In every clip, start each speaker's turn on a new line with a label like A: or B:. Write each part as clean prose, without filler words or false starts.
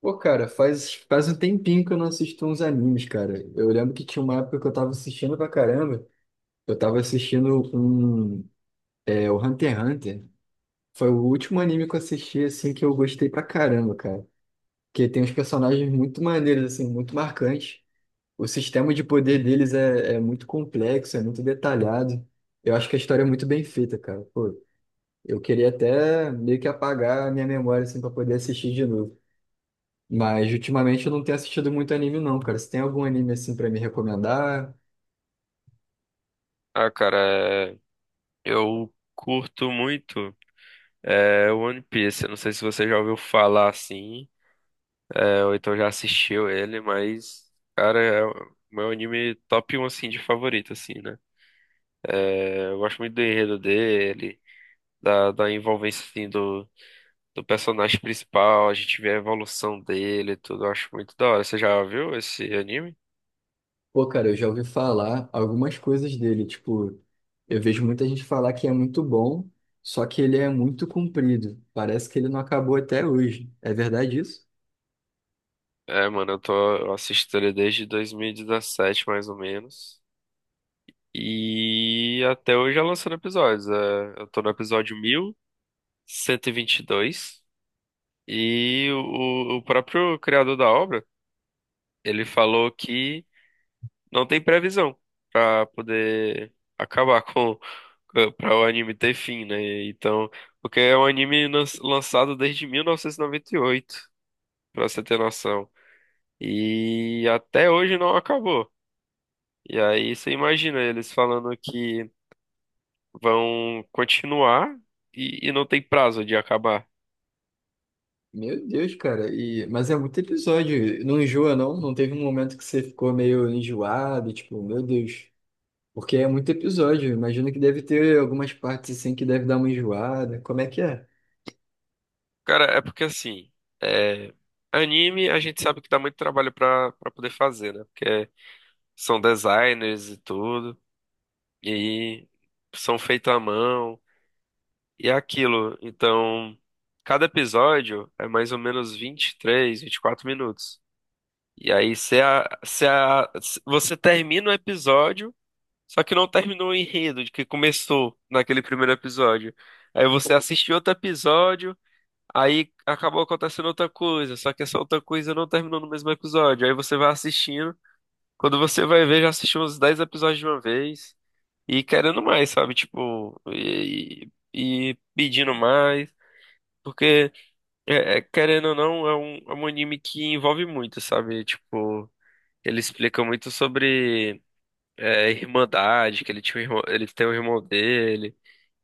A: Pô, cara, faz um tempinho que eu não assisto uns animes, cara. Eu lembro que tinha uma época que eu tava assistindo pra caramba. Eu tava assistindo um, é, o Hunter x Hunter. Foi o último anime que eu assisti, assim, que eu gostei pra caramba, cara. Porque tem uns personagens muito maneiros, assim, muito marcantes. O sistema de poder deles é muito complexo, é muito detalhado. Eu acho que a história é muito bem feita, cara. Pô, eu queria até meio que apagar a minha memória, assim, pra poder assistir de novo. Mas ultimamente eu não tenho assistido muito anime, não, cara. Você tem algum anime assim pra me recomendar?
B: Ah, cara, é, eu curto muito One Piece. Eu não sei se você já ouviu falar assim, ou então já assistiu ele, mas, cara, é o meu anime top um assim, de favorito, assim, né? Eu gosto muito do enredo dele, da envolvência, assim, do personagem principal, a gente vê a evolução dele e tudo. Eu acho muito da hora. Você já viu esse anime?
A: Pô, cara, eu já ouvi falar algumas coisas dele. Tipo, eu vejo muita gente falar que é muito bom, só que ele é muito comprido. Parece que ele não acabou até hoje. É verdade isso?
B: É, mano, eu assisto ele desde 2017, mais ou menos. E até hoje já lançando episódios. É, eu tô no episódio mil cento e vinte e dois. O próprio criador da obra, ele falou que não tem previsão pra poder acabar com, para o anime ter fim, né? Então, porque é um anime lançado desde mil novecentos e noventa e oito pra você ter noção. E até hoje não acabou. E aí você imagina eles falando que vão continuar e não tem prazo de acabar.
A: Meu Deus, cara. E... Mas é muito episódio. Não enjoa, não? Não teve um momento que você ficou meio enjoado, tipo, meu Deus. Porque é muito episódio. Imagino que deve ter algumas partes assim que deve dar uma enjoada. Como é que é?
B: Cara, é porque assim, é, anime a gente sabe que dá muito trabalho pra poder fazer, né? Porque são designers e tudo, e aí são feitos à mão, e é aquilo. Então, cada episódio é mais ou menos vinte e três vinte e quatro minutos. E aí, se você termina o episódio. Só que não terminou o enredo de que começou naquele primeiro episódio. Aí você assistiu outro episódio, aí acabou acontecendo outra coisa, só que essa outra coisa não terminou no mesmo episódio. Aí você vai assistindo, quando você vai ver, já assistiu uns 10 episódios de uma vez e querendo mais, sabe? Tipo, e pedindo mais. Porque, querendo ou não, é um anime que envolve muito, sabe? Tipo, ele explica muito sobre irmandade, que ele tinha um irmão, ele tem um irmão dele.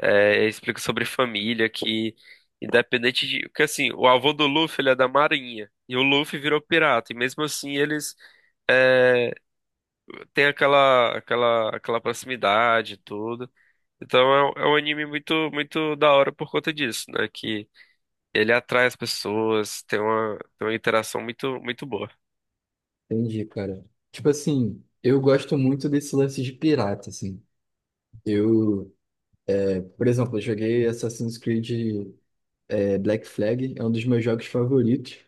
B: É, explica sobre família, que independente de. Porque assim, o avô do Luffy ele é da Marinha. E o Luffy virou pirata. E mesmo assim eles é, têm aquela proximidade e tudo. Então é um anime muito, muito da hora por conta disso, né? Que ele atrai as pessoas, tem uma interação muito, muito boa.
A: Entendi, cara. Tipo assim, eu gosto muito desse lance de pirata, assim. Eu, é, por exemplo, eu joguei Assassin's Creed, é, Black Flag, é um dos meus jogos favoritos.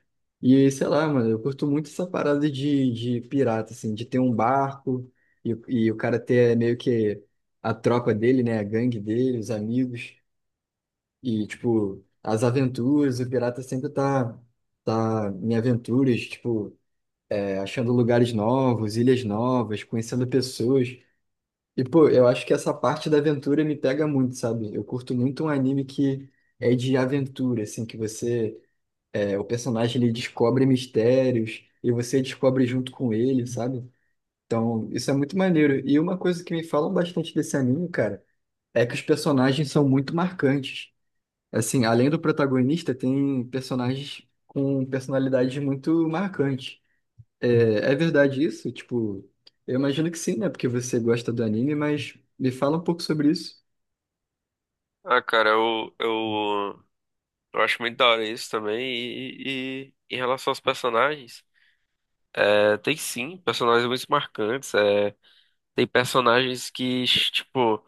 A: E sei lá, mano, eu curto muito essa parada de pirata, assim, de ter um barco e o cara ter é, meio que a tropa dele, né, a gangue dele, os amigos. E, tipo, as aventuras, o pirata sempre tá em aventuras, tipo, achando lugares novos, ilhas novas, conhecendo pessoas. E, pô, eu acho que essa parte da aventura me pega muito, sabe? Eu curto muito um anime que é de aventura, assim, que você, é, o personagem ele descobre mistérios e você descobre junto com ele, sabe? Então, isso é muito maneiro. E uma coisa que me falam bastante desse anime, cara, é que os personagens são muito marcantes. Assim, além do protagonista, tem personagens com personalidades muito marcantes. É, é verdade isso? Tipo, eu imagino que sim, né? Porque você gosta do anime, mas me fala um pouco sobre isso.
B: Ah, cara, eu acho muito da hora isso também. E, e em relação aos personagens, tem sim personagens muito marcantes. Tem personagens que, tipo,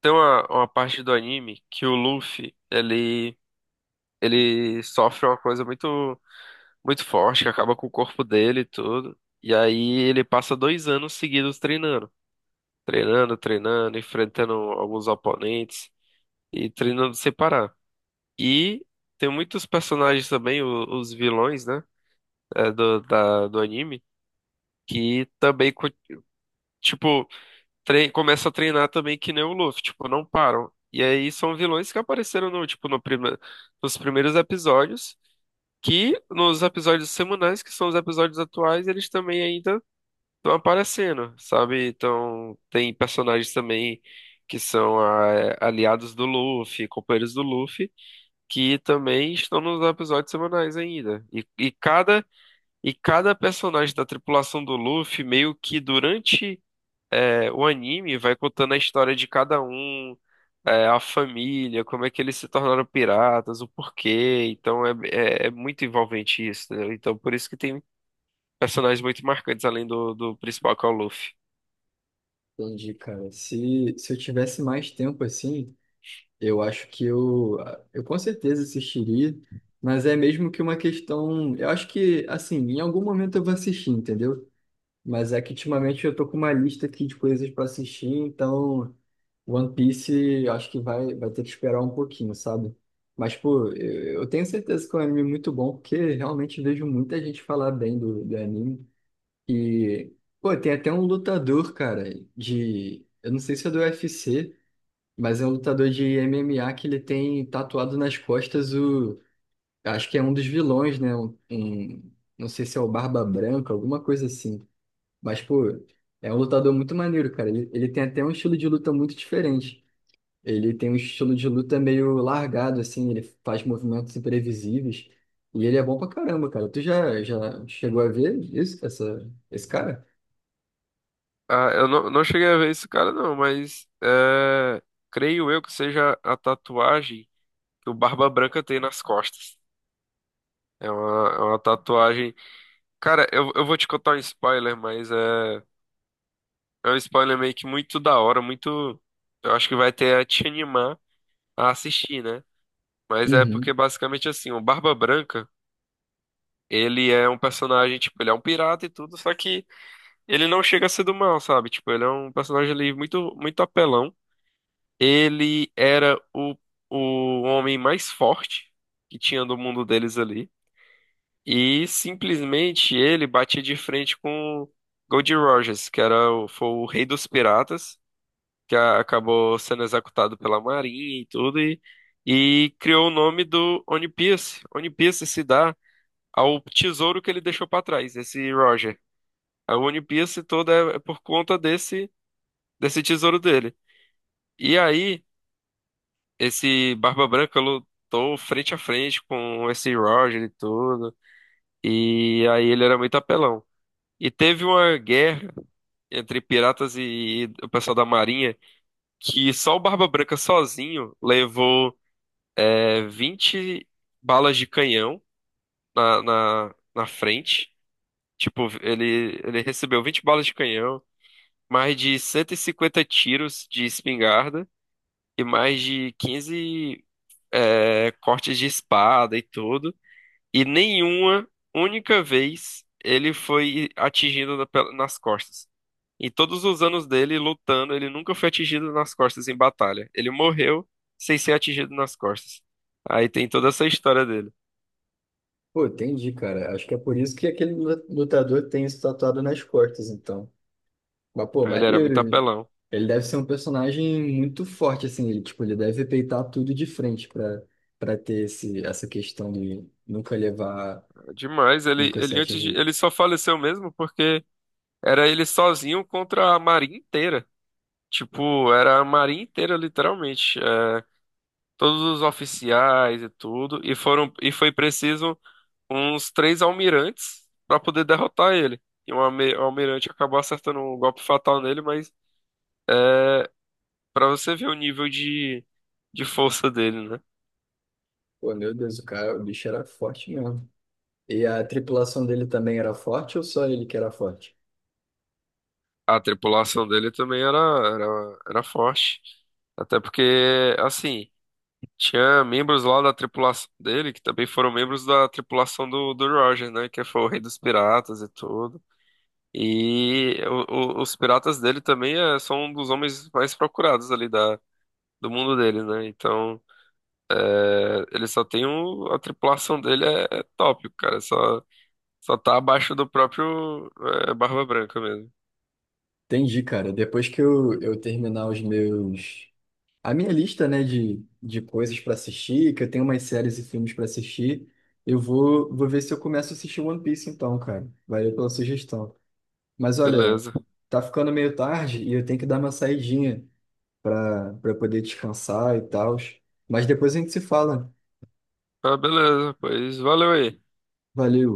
B: uma parte do anime que o Luffy, ele sofre uma coisa muito, muito forte, que acaba com o corpo dele e tudo. E aí ele passa 2 anos seguidos treinando. Treinando, treinando, enfrentando alguns oponentes e treinando sem parar. E tem muitos personagens também, os vilões, né? Do anime, que também, co- tipo, tre começa a treinar também que nem o Luffy, tipo, não param. E aí são vilões que apareceram no, tipo, no prime nos primeiros episódios, que nos episódios semanais, que são os episódios atuais, eles também ainda estão aparecendo, sabe? Então, tem personagens também que são ah, aliados do Luffy, companheiros do Luffy, que também estão nos episódios semanais ainda. E cada personagem da tripulação do Luffy, meio que durante o anime, vai contando a história de cada um, a família, como é que eles se tornaram piratas, o porquê. Então é muito envolvente isso, entendeu? Então por isso que tem personagens muito marcantes além do, do principal, que é o Luffy.
A: Entendi, cara. Se eu tivesse mais tempo assim, eu acho que eu com certeza assistiria, mas é mesmo que uma questão. Eu acho que, assim, em algum momento eu vou assistir, entendeu? Mas é que ultimamente eu tô com uma lista aqui de coisas para assistir, então One Piece eu acho que vai ter que esperar um pouquinho, sabe? Mas, pô, eu tenho certeza que é um anime muito bom, porque realmente vejo muita gente falar bem do anime. E, pô, tem até um lutador, cara, de. Eu não sei se é do UFC, mas é um lutador de MMA que ele tem tatuado nas costas o. Acho que é um dos vilões, né? Um, não sei se é o Barba Branca, alguma coisa assim. Mas, pô, é um lutador muito maneiro, cara. Ele tem até um estilo de luta muito diferente. Ele tem um estilo de luta meio largado, assim, ele faz movimentos imprevisíveis. E ele é bom pra caramba, cara. Tu já chegou a ver isso, essa, esse cara?
B: Ah, eu não, não cheguei a ver esse cara, não, mas é, creio eu que seja a tatuagem que o Barba Branca tem nas costas. É uma tatuagem. Cara, eu vou te contar um spoiler, mas é, é um spoiler meio que muito da hora, muito. Eu acho que vai até te animar a assistir, né? Mas é porque
A: Uhum.
B: basicamente assim, o Barba Branca, ele é um personagem, tipo, ele é um pirata e tudo, só que ele não chega a ser do mal, sabe? Tipo, ele é um personagem ali muito, muito apelão. Ele era o, o homem mais forte que tinha do mundo deles ali. E simplesmente ele batia de frente com Goldie Rogers, foi o rei dos piratas, que acabou sendo executado pela Marinha e tudo, e criou o nome do One Piece. One Piece se dá ao tesouro que ele deixou para trás, esse Roger. A One Piece toda é por conta desse tesouro dele. E aí, esse Barba Branca lutou frente a frente com esse Roger e tudo, e aí ele era muito apelão. E teve uma guerra entre piratas e o pessoal da Marinha que só o Barba Branca sozinho levou 20 balas de canhão na frente. Tipo, ele recebeu 20 balas de canhão, mais de 150 tiros de espingarda e mais de 15 cortes de espada e tudo. E nenhuma única vez ele foi atingido nas costas. Em todos os anos dele lutando, ele nunca foi atingido nas costas em batalha. Ele morreu sem ser atingido nas costas. Aí tem toda essa história dele.
A: Pô, entendi, cara. Acho que é por isso que aquele lutador tem isso tatuado nas costas, então. Mas, pô,
B: Aí ele era muito
A: maneiro, hein?
B: apelão.
A: Ele deve ser um personagem muito forte, assim. Ele, tipo, ele deve peitar tudo de frente pra, pra ter esse, essa questão de nunca levar,
B: Demais,
A: nunca ser atingido.
B: ele só faleceu mesmo porque era ele sozinho contra a marinha inteira. Tipo, era a marinha inteira, literalmente. É, todos os oficiais e tudo. E foi preciso uns três almirantes para poder derrotar ele. E um almirante acabou acertando um golpe fatal nele, mas pra você ver o nível de força dele, né?
A: Pô, meu Deus, o cara, o bicho era forte mesmo. E a tripulação dele também era forte ou só ele que era forte?
B: A tripulação dele também era forte. Até porque, assim, tinha membros lá da tripulação dele que também foram membros da tripulação do Roger, né? Que foi o rei dos piratas e tudo. E os piratas dele também eh, são um dos homens mais procurados ali do mundo dele, né? Então, eh, ele só tem o, a tripulação dele é top, cara. Só. Só tá abaixo do próprio Barba Branca mesmo.
A: Entendi, cara. Depois que eu terminar os meus... A minha lista, né, de coisas pra assistir, que eu tenho umas séries e filmes pra assistir, eu vou ver se eu começo a assistir One Piece então, cara. Valeu pela sugestão. Mas olha,
B: Beleza.
A: tá ficando meio tarde e eu tenho que dar uma saidinha para poder descansar e tal. Mas depois a gente se fala.
B: Ah, beleza, pois valeu aí.
A: Valeu.